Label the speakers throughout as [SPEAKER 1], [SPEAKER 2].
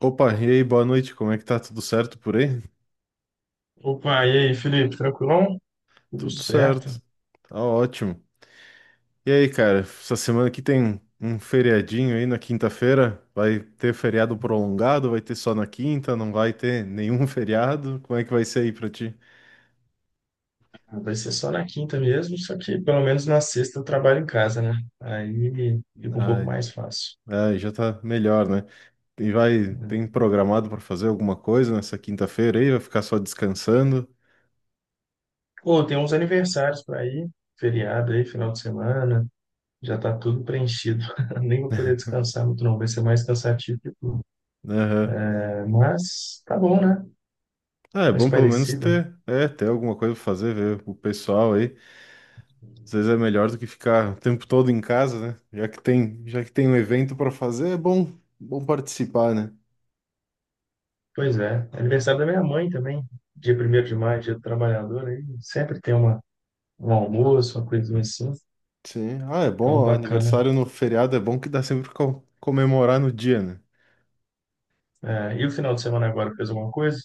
[SPEAKER 1] Opa, e aí, boa noite, como é que tá? Tudo certo por aí?
[SPEAKER 2] Opa, e aí, Felipe, tranquilão? Tudo
[SPEAKER 1] Tudo
[SPEAKER 2] certo.
[SPEAKER 1] certo, tá ótimo. E aí, cara, essa semana aqui tem um feriadinho aí na quinta-feira? Vai ter feriado prolongado? Vai ter só na quinta? Não vai ter nenhum feriado? Como é que vai ser aí pra ti?
[SPEAKER 2] Ah, vai ser só na quinta mesmo, só que pelo menos na sexta eu trabalho em casa, né? Aí fica um pouco
[SPEAKER 1] Ai,
[SPEAKER 2] mais fácil.
[SPEAKER 1] ai, já tá melhor, né? E vai,
[SPEAKER 2] Né?
[SPEAKER 1] tem programado pra fazer alguma coisa nessa quinta-feira aí? Vai ficar só descansando?
[SPEAKER 2] Pô, tem uns aniversários para ir, feriado aí, final de semana, já tá tudo preenchido. Nem vou poder descansar muito, não. Vai ser mais cansativo que tudo.
[SPEAKER 1] Aham.
[SPEAKER 2] É, mas tá bom, né?
[SPEAKER 1] Ah, é
[SPEAKER 2] Mais
[SPEAKER 1] bom pelo menos
[SPEAKER 2] parecida.
[SPEAKER 1] ter, ter alguma coisa pra fazer, ver o pessoal aí. Às vezes é melhor do que ficar o tempo todo em casa, né? Já que tem um evento para fazer, é bom participar, né?
[SPEAKER 2] Pois é. Aniversário da minha mãe também, dia primeiro de maio, dia do trabalhador, aí sempre tem uma, um almoço, uma coisa assim.
[SPEAKER 1] Sim. Ah, é bom,
[SPEAKER 2] Então,
[SPEAKER 1] ó,
[SPEAKER 2] bacana.
[SPEAKER 1] aniversário no feriado é bom que dá sempre pra comemorar no dia, né?
[SPEAKER 2] É, e o final de semana agora fez alguma coisa?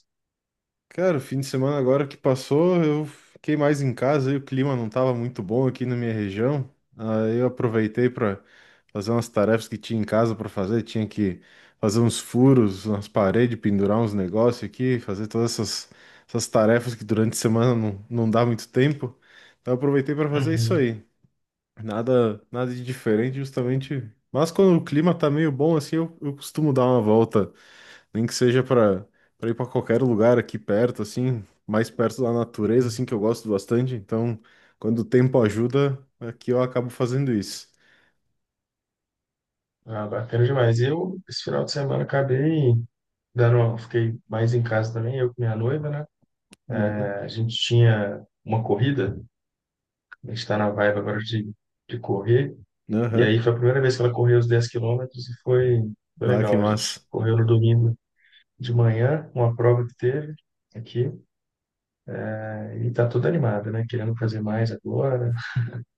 [SPEAKER 1] Cara, o fim de semana agora que passou, eu fiquei mais em casa e o clima não estava muito bom aqui na minha região. Aí eu aproveitei para fazer umas tarefas que tinha em casa para fazer, tinha que fazer uns furos nas paredes, pendurar uns negócios aqui, fazer todas essas tarefas que durante a semana não dá muito tempo. Então eu aproveitei para fazer isso
[SPEAKER 2] Uhum.
[SPEAKER 1] aí. Nada, nada de diferente, justamente. Mas quando o clima tá meio bom assim, eu costumo dar uma volta nem que seja para ir para qualquer lugar aqui perto, assim, mais perto da natureza, assim, que eu gosto bastante. Então, quando o tempo ajuda, aqui eu acabo fazendo isso.
[SPEAKER 2] Ah, bacana demais. Eu, esse final de semana, acabei dando, fiquei mais em casa também, eu com minha noiva, né?
[SPEAKER 1] Uhum.
[SPEAKER 2] É, a gente tinha uma corrida, a gente está na vibe agora de correr, e
[SPEAKER 1] Aham.
[SPEAKER 2] aí foi a primeira vez que ela correu os 10 quilômetros e foi,
[SPEAKER 1] Ah, que
[SPEAKER 2] legal. A gente
[SPEAKER 1] massa.
[SPEAKER 2] correu no domingo de manhã, uma prova que teve aqui, e tá toda animada, né? Querendo fazer mais agora.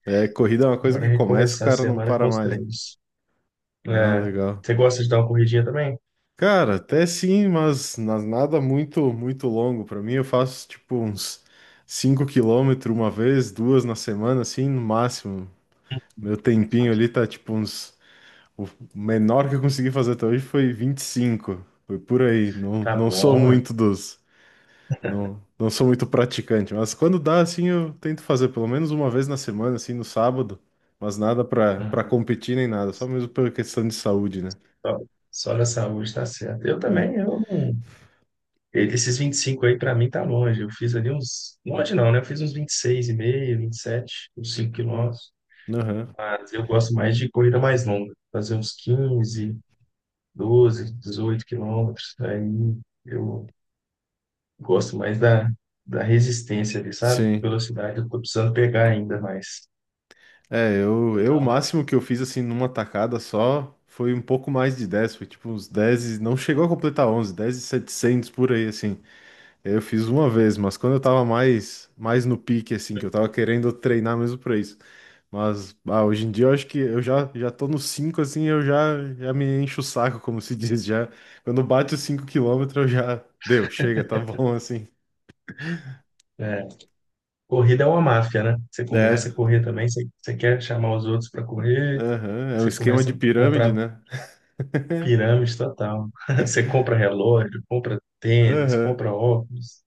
[SPEAKER 1] É, corrida é uma coisa
[SPEAKER 2] Agora
[SPEAKER 1] que
[SPEAKER 2] é
[SPEAKER 1] começa, o
[SPEAKER 2] recomeçar a
[SPEAKER 1] cara não
[SPEAKER 2] semana
[SPEAKER 1] para
[SPEAKER 2] com os
[SPEAKER 1] mais, né?
[SPEAKER 2] treinos.
[SPEAKER 1] Ah,
[SPEAKER 2] É,
[SPEAKER 1] legal.
[SPEAKER 2] você gosta de dar uma corridinha também?
[SPEAKER 1] Cara, até sim, mas nada muito muito longo pra mim. Eu faço tipo uns 5 km uma vez, duas na semana, assim, no máximo. Meu tempinho ali tá tipo uns. O menor que eu consegui fazer até hoje foi 25. Foi por aí. Não,
[SPEAKER 2] Tá
[SPEAKER 1] não sou
[SPEAKER 2] bom,
[SPEAKER 1] muito dos. Não, não sou muito praticante. Mas quando dá, assim, eu tento fazer pelo menos uma vez na semana, assim, no sábado. Mas nada pra,
[SPEAKER 2] né?
[SPEAKER 1] pra competir nem nada. Só mesmo pela questão de saúde, né?
[SPEAKER 2] só, só na saúde tá certo. Eu
[SPEAKER 1] É.
[SPEAKER 2] também, eu não. E desses 25 aí, pra mim, tá longe. Eu fiz ali uns. Longe não, né? Eu fiz uns vinte vinte e seis e meio 27 uns 5 quilômetros.
[SPEAKER 1] Aham.
[SPEAKER 2] Mas eu gosto mais de corrida mais longa. Fazer uns 15 12 18 quilômetros. Aí eu gosto mais da resistência ali, sabe?
[SPEAKER 1] Sim.
[SPEAKER 2] Velocidade eu tô precisando pegar ainda mais.
[SPEAKER 1] É, eu,
[SPEAKER 2] Então,
[SPEAKER 1] eu o
[SPEAKER 2] dá uma.
[SPEAKER 1] máximo que eu fiz, assim, numa tacada só foi um pouco mais de 10. Foi tipo uns 10 Não chegou a completar 11, 10 e 700 por aí, assim. Eu fiz uma vez, mas quando eu tava mais no pique, assim, que eu tava querendo treinar mesmo pra isso. Mas ah, hoje em dia eu acho que eu já tô no 5 assim, eu já me encho o saco, como se diz. Já, quando bate os 5 km, eu já deu, chega, tá bom, assim.
[SPEAKER 2] é, Corrida é uma máfia, né? Você
[SPEAKER 1] É,
[SPEAKER 2] começa a correr também, você quer chamar os outros para correr,
[SPEAKER 1] aham, é um
[SPEAKER 2] você
[SPEAKER 1] esquema de
[SPEAKER 2] começa a
[SPEAKER 1] pirâmide,
[SPEAKER 2] comprar
[SPEAKER 1] né?
[SPEAKER 2] pirâmide total. Você compra relógio, compra tênis,
[SPEAKER 1] Aham.
[SPEAKER 2] compra óculos.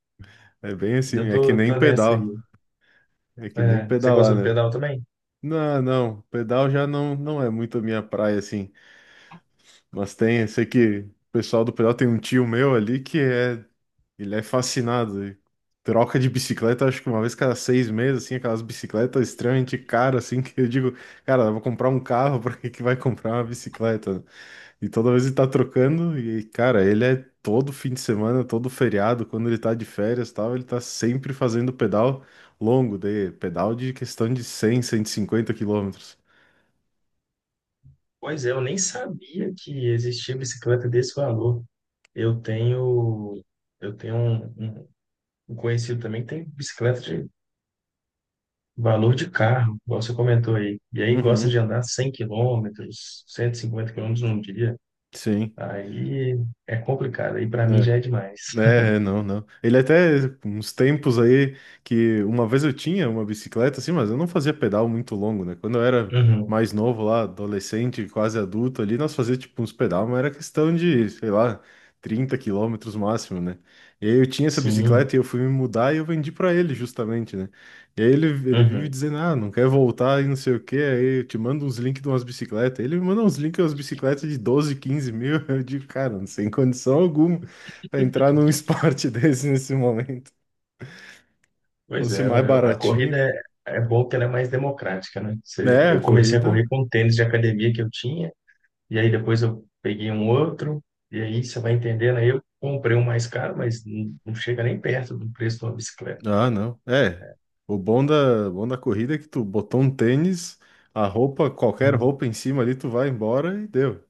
[SPEAKER 1] É bem assim,
[SPEAKER 2] Eu
[SPEAKER 1] é que
[SPEAKER 2] tô,
[SPEAKER 1] nem
[SPEAKER 2] tô nessa
[SPEAKER 1] pedal,
[SPEAKER 2] aí.
[SPEAKER 1] é que nem
[SPEAKER 2] É, você gosta
[SPEAKER 1] pedalar,
[SPEAKER 2] do
[SPEAKER 1] né?
[SPEAKER 2] pedal também?
[SPEAKER 1] Não, não, pedal já não, não é muito a minha praia, assim. Mas tem, eu sei que o pessoal do pedal tem um tio meu ali que é, ele é fascinado. Ele troca de bicicleta, acho que uma vez cada 6 meses, assim, aquelas bicicletas extremamente caras, assim, que eu digo, cara, eu vou comprar um carro, pra que que vai comprar uma bicicleta? E toda vez ele tá trocando, e, cara, ele é todo fim de semana, todo feriado, quando ele tá de férias e tal, ele tá sempre fazendo pedal longo, de pedal de questão de 100 150 km.
[SPEAKER 2] Pois é, eu nem sabia que existia bicicleta desse valor. Eu tenho, eu tenho um conhecido também que tem bicicleta de valor de carro, igual você comentou aí. E aí gosta de
[SPEAKER 1] Uhum,
[SPEAKER 2] andar 100 quilômetros, 150 quilômetros num dia.
[SPEAKER 1] sim.
[SPEAKER 2] Aí é complicado, aí para mim já é demais.
[SPEAKER 1] É, não, não. Ele até, uns tempos aí, que uma vez eu tinha uma bicicleta, assim, mas eu não fazia pedal muito longo, né? Quando eu era
[SPEAKER 2] Uhum.
[SPEAKER 1] mais novo lá, adolescente, quase adulto ali, nós fazia, tipo, uns pedal, mas era questão de, sei lá, 30 km máximo, né? E aí eu tinha essa
[SPEAKER 2] Sim,
[SPEAKER 1] bicicleta e eu fui me mudar e eu vendi pra ele, justamente, né? E aí ele vive
[SPEAKER 2] uhum.
[SPEAKER 1] dizendo, ah, não quer voltar e não sei o quê, aí eu te mando uns links de umas bicicletas. Ele me manda uns links de umas bicicletas de 12 15 mil, eu digo, cara, sem condição alguma. Pra entrar num esporte desse nesse momento.
[SPEAKER 2] Pois
[SPEAKER 1] Fosse
[SPEAKER 2] é,
[SPEAKER 1] mais
[SPEAKER 2] a corrida
[SPEAKER 1] baratinho.
[SPEAKER 2] é bom que ela é mais democrática, né?
[SPEAKER 1] É, a
[SPEAKER 2] Eu comecei a
[SPEAKER 1] corrida.
[SPEAKER 2] correr com um tênis de academia que eu tinha, e aí depois eu peguei um outro, e aí você vai entendendo, aí eu comprei um mais caro, mas não, não chega nem perto do preço de uma bicicleta.
[SPEAKER 1] Ah, não. É. O bom da corrida é que tu botou um tênis, a roupa, qualquer
[SPEAKER 2] Hum.
[SPEAKER 1] roupa em cima ali, tu vai embora e deu.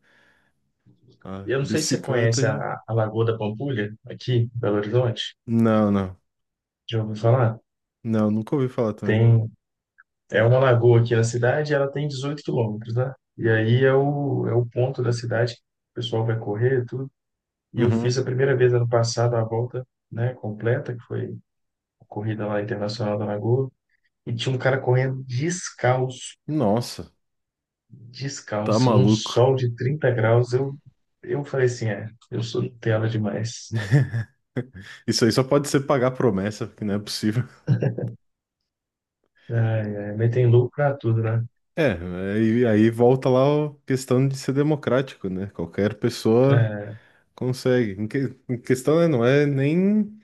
[SPEAKER 1] A
[SPEAKER 2] Eu não sei se você
[SPEAKER 1] bicicleta
[SPEAKER 2] conhece
[SPEAKER 1] já.
[SPEAKER 2] a Lagoa da Pampulha, aqui em Belo Horizonte,
[SPEAKER 1] Não, não.
[SPEAKER 2] já ouviu falar?
[SPEAKER 1] Não, nunca ouvi falar também.
[SPEAKER 2] Tem É uma lagoa aqui na cidade, ela tem 18 quilômetros, né? E aí é o ponto da cidade que o pessoal vai correr e tudo. E eu fiz a
[SPEAKER 1] Uhum.
[SPEAKER 2] primeira vez ano passado a volta, né, completa, que foi a corrida lá internacional da Lagoa. E tinha um cara correndo descalço,
[SPEAKER 1] Nossa, tá
[SPEAKER 2] descalço, num
[SPEAKER 1] maluco.
[SPEAKER 2] sol de 30 graus. Eu falei assim, eu sou Nutella demais.
[SPEAKER 1] Isso aí só pode ser pagar promessa, porque não é possível.
[SPEAKER 2] É, é, mas tem louco pra tudo, né?
[SPEAKER 1] É, aí volta lá a questão de ser democrático, né? Qualquer pessoa
[SPEAKER 2] É,
[SPEAKER 1] consegue. Em questão, né, não é nem.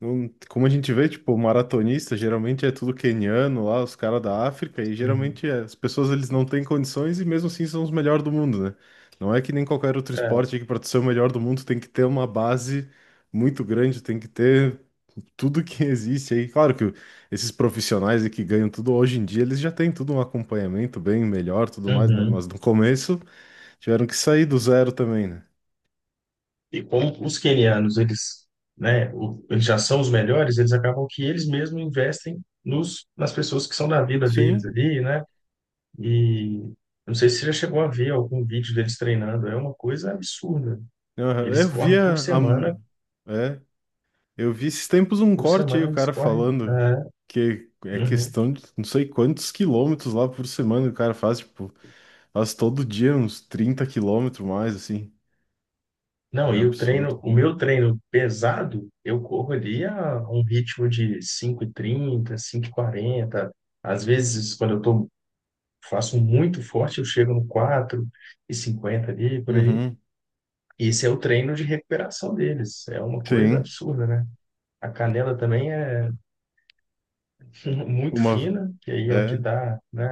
[SPEAKER 1] Como a gente vê, tipo, maratonista, geralmente é tudo queniano lá, os caras da África, e
[SPEAKER 2] sim.
[SPEAKER 1] geralmente as pessoas eles não têm condições e mesmo assim são os melhores do mundo, né? Não é que nem qualquer outro
[SPEAKER 2] É,
[SPEAKER 1] esporte que para ser o melhor do mundo tem que ter uma base muito grande, tem que ter tudo que existe aí. Claro que esses profissionais aí que ganham tudo hoje em dia, eles já têm tudo um acompanhamento bem melhor, tudo mais, né?
[SPEAKER 2] uhum.
[SPEAKER 1] Mas no começo tiveram que sair do zero também, né?
[SPEAKER 2] E como os quenianos, eles, né, eles já são os melhores, eles acabam que eles mesmos investem nos, nas pessoas que são da vida deles
[SPEAKER 1] Sim.
[SPEAKER 2] ali, né? E não sei se você já chegou a ver algum vídeo deles treinando, é uma coisa absurda.
[SPEAKER 1] Aham.
[SPEAKER 2] Eles
[SPEAKER 1] Eu
[SPEAKER 2] correm
[SPEAKER 1] via a mu- é, eu vi esses tempos um
[SPEAKER 2] por
[SPEAKER 1] corte aí,
[SPEAKER 2] semana
[SPEAKER 1] o
[SPEAKER 2] eles
[SPEAKER 1] cara
[SPEAKER 2] correm.
[SPEAKER 1] falando
[SPEAKER 2] É,
[SPEAKER 1] que é
[SPEAKER 2] uhum.
[SPEAKER 1] questão de não sei quantos quilômetros lá por semana o cara faz, tipo, faz todo dia uns 30 km mais, assim.
[SPEAKER 2] Não,
[SPEAKER 1] É
[SPEAKER 2] e o
[SPEAKER 1] absurdo.
[SPEAKER 2] treino, o meu treino pesado, eu corro ali a um ritmo de cinco e trinta cinco e quarenta às vezes quando eu estou faço muito forte, eu chego no quatro e cinquenta ali, por aí.
[SPEAKER 1] Uhum.
[SPEAKER 2] E esse é o treino de recuperação deles. É uma coisa
[SPEAKER 1] Sim.
[SPEAKER 2] absurda, né? A canela também é muito
[SPEAKER 1] Uma,
[SPEAKER 2] fina, que aí é o que
[SPEAKER 1] é,
[SPEAKER 2] dá, né,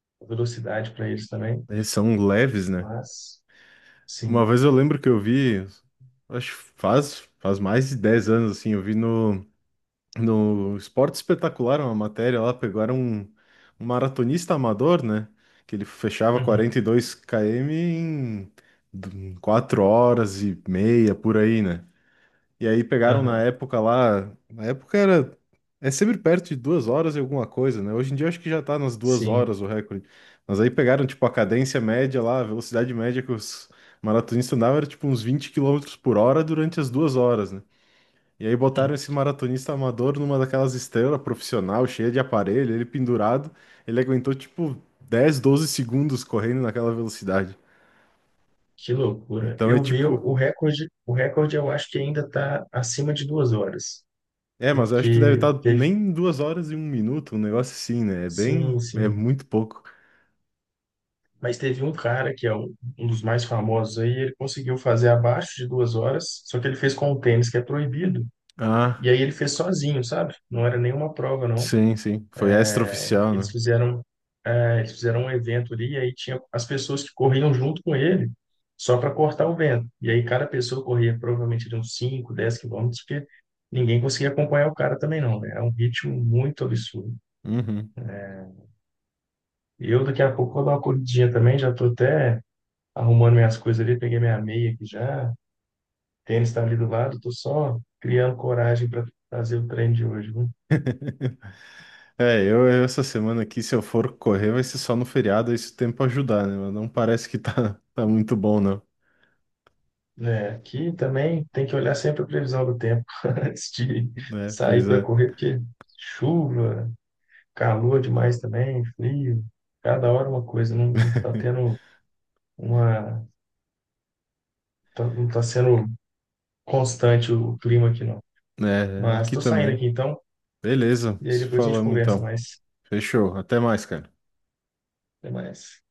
[SPEAKER 2] a velocidade para eles também.
[SPEAKER 1] Eles são leves, né?
[SPEAKER 2] Mas,
[SPEAKER 1] Uma
[SPEAKER 2] sim.
[SPEAKER 1] vez eu lembro que eu vi, acho que faz mais de 10 anos, assim, eu vi No Esporte Espetacular, uma matéria lá, pegaram um maratonista amador, né? Que ele fechava 42
[SPEAKER 2] Uhum.
[SPEAKER 1] km em 4 horas e meia, por aí, né? E aí pegaram na
[SPEAKER 2] Aham.
[SPEAKER 1] época lá, na época era, é sempre perto de 2 horas e alguma coisa, né? Hoje em dia eu acho que já tá nas duas
[SPEAKER 2] Sim.
[SPEAKER 1] horas o recorde. Mas aí pegaram, tipo, a cadência média lá, a velocidade média que os maratonistas andavam era, tipo, uns 20 quilômetros por hora durante as 2 horas, né? E aí botaram esse maratonista amador numa daquelas esteiras profissional, cheia de aparelho, ele pendurado, ele aguentou tipo 10 a 12 segundos correndo naquela velocidade.
[SPEAKER 2] Que loucura.
[SPEAKER 1] Então é
[SPEAKER 2] Eu vi o
[SPEAKER 1] tipo,
[SPEAKER 2] o recorde, o recorde eu acho que ainda está acima de 2 horas,
[SPEAKER 1] mas eu acho que deve
[SPEAKER 2] porque
[SPEAKER 1] estar
[SPEAKER 2] teve,
[SPEAKER 1] nem 2 horas e um minuto, um negócio assim, né?
[SPEAKER 2] sim,
[SPEAKER 1] É
[SPEAKER 2] sim,
[SPEAKER 1] muito pouco.
[SPEAKER 2] mas teve um cara que é um dos mais famosos aí, ele conseguiu fazer abaixo de 2 horas, só que ele fez com o tênis, que é proibido.
[SPEAKER 1] Ah,
[SPEAKER 2] E aí ele fez sozinho, sabe? Não era nenhuma prova, não.
[SPEAKER 1] sim, sim. Foi extraoficial,
[SPEAKER 2] Eles
[SPEAKER 1] né?
[SPEAKER 2] fizeram, eles fizeram um evento ali, e aí tinha as pessoas que corriam junto com ele, só para cortar o vento. E aí cada pessoa corria provavelmente de uns 5 10 quilômetros, porque ninguém conseguia acompanhar o cara também, não, né? É um ritmo muito absurdo.
[SPEAKER 1] Uhum.
[SPEAKER 2] Eu daqui a pouco vou dar uma corridinha também, já tô até arrumando minhas coisas ali, peguei minha meia aqui já. Tênis está ali do lado, tô só criando coragem para fazer o treino de hoje, viu?
[SPEAKER 1] É, eu essa semana aqui, se eu for correr, vai ser só no feriado, aí se o tempo ajudar, né? Mas não parece que tá, tá muito bom, não.
[SPEAKER 2] É, aqui também tem que olhar sempre a previsão do tempo antes de
[SPEAKER 1] Né, pois
[SPEAKER 2] sair para
[SPEAKER 1] é.
[SPEAKER 2] correr, porque chuva, calor demais também, frio, cada hora uma coisa, não está tendo uma, não está sendo constante o clima aqui não.
[SPEAKER 1] É,
[SPEAKER 2] Mas
[SPEAKER 1] aqui
[SPEAKER 2] estou saindo
[SPEAKER 1] também.
[SPEAKER 2] aqui então,
[SPEAKER 1] Beleza,
[SPEAKER 2] e aí
[SPEAKER 1] se
[SPEAKER 2] depois a gente
[SPEAKER 1] falamos
[SPEAKER 2] conversa
[SPEAKER 1] então.
[SPEAKER 2] mais.
[SPEAKER 1] Fechou. Até mais, cara.
[SPEAKER 2] Até mais.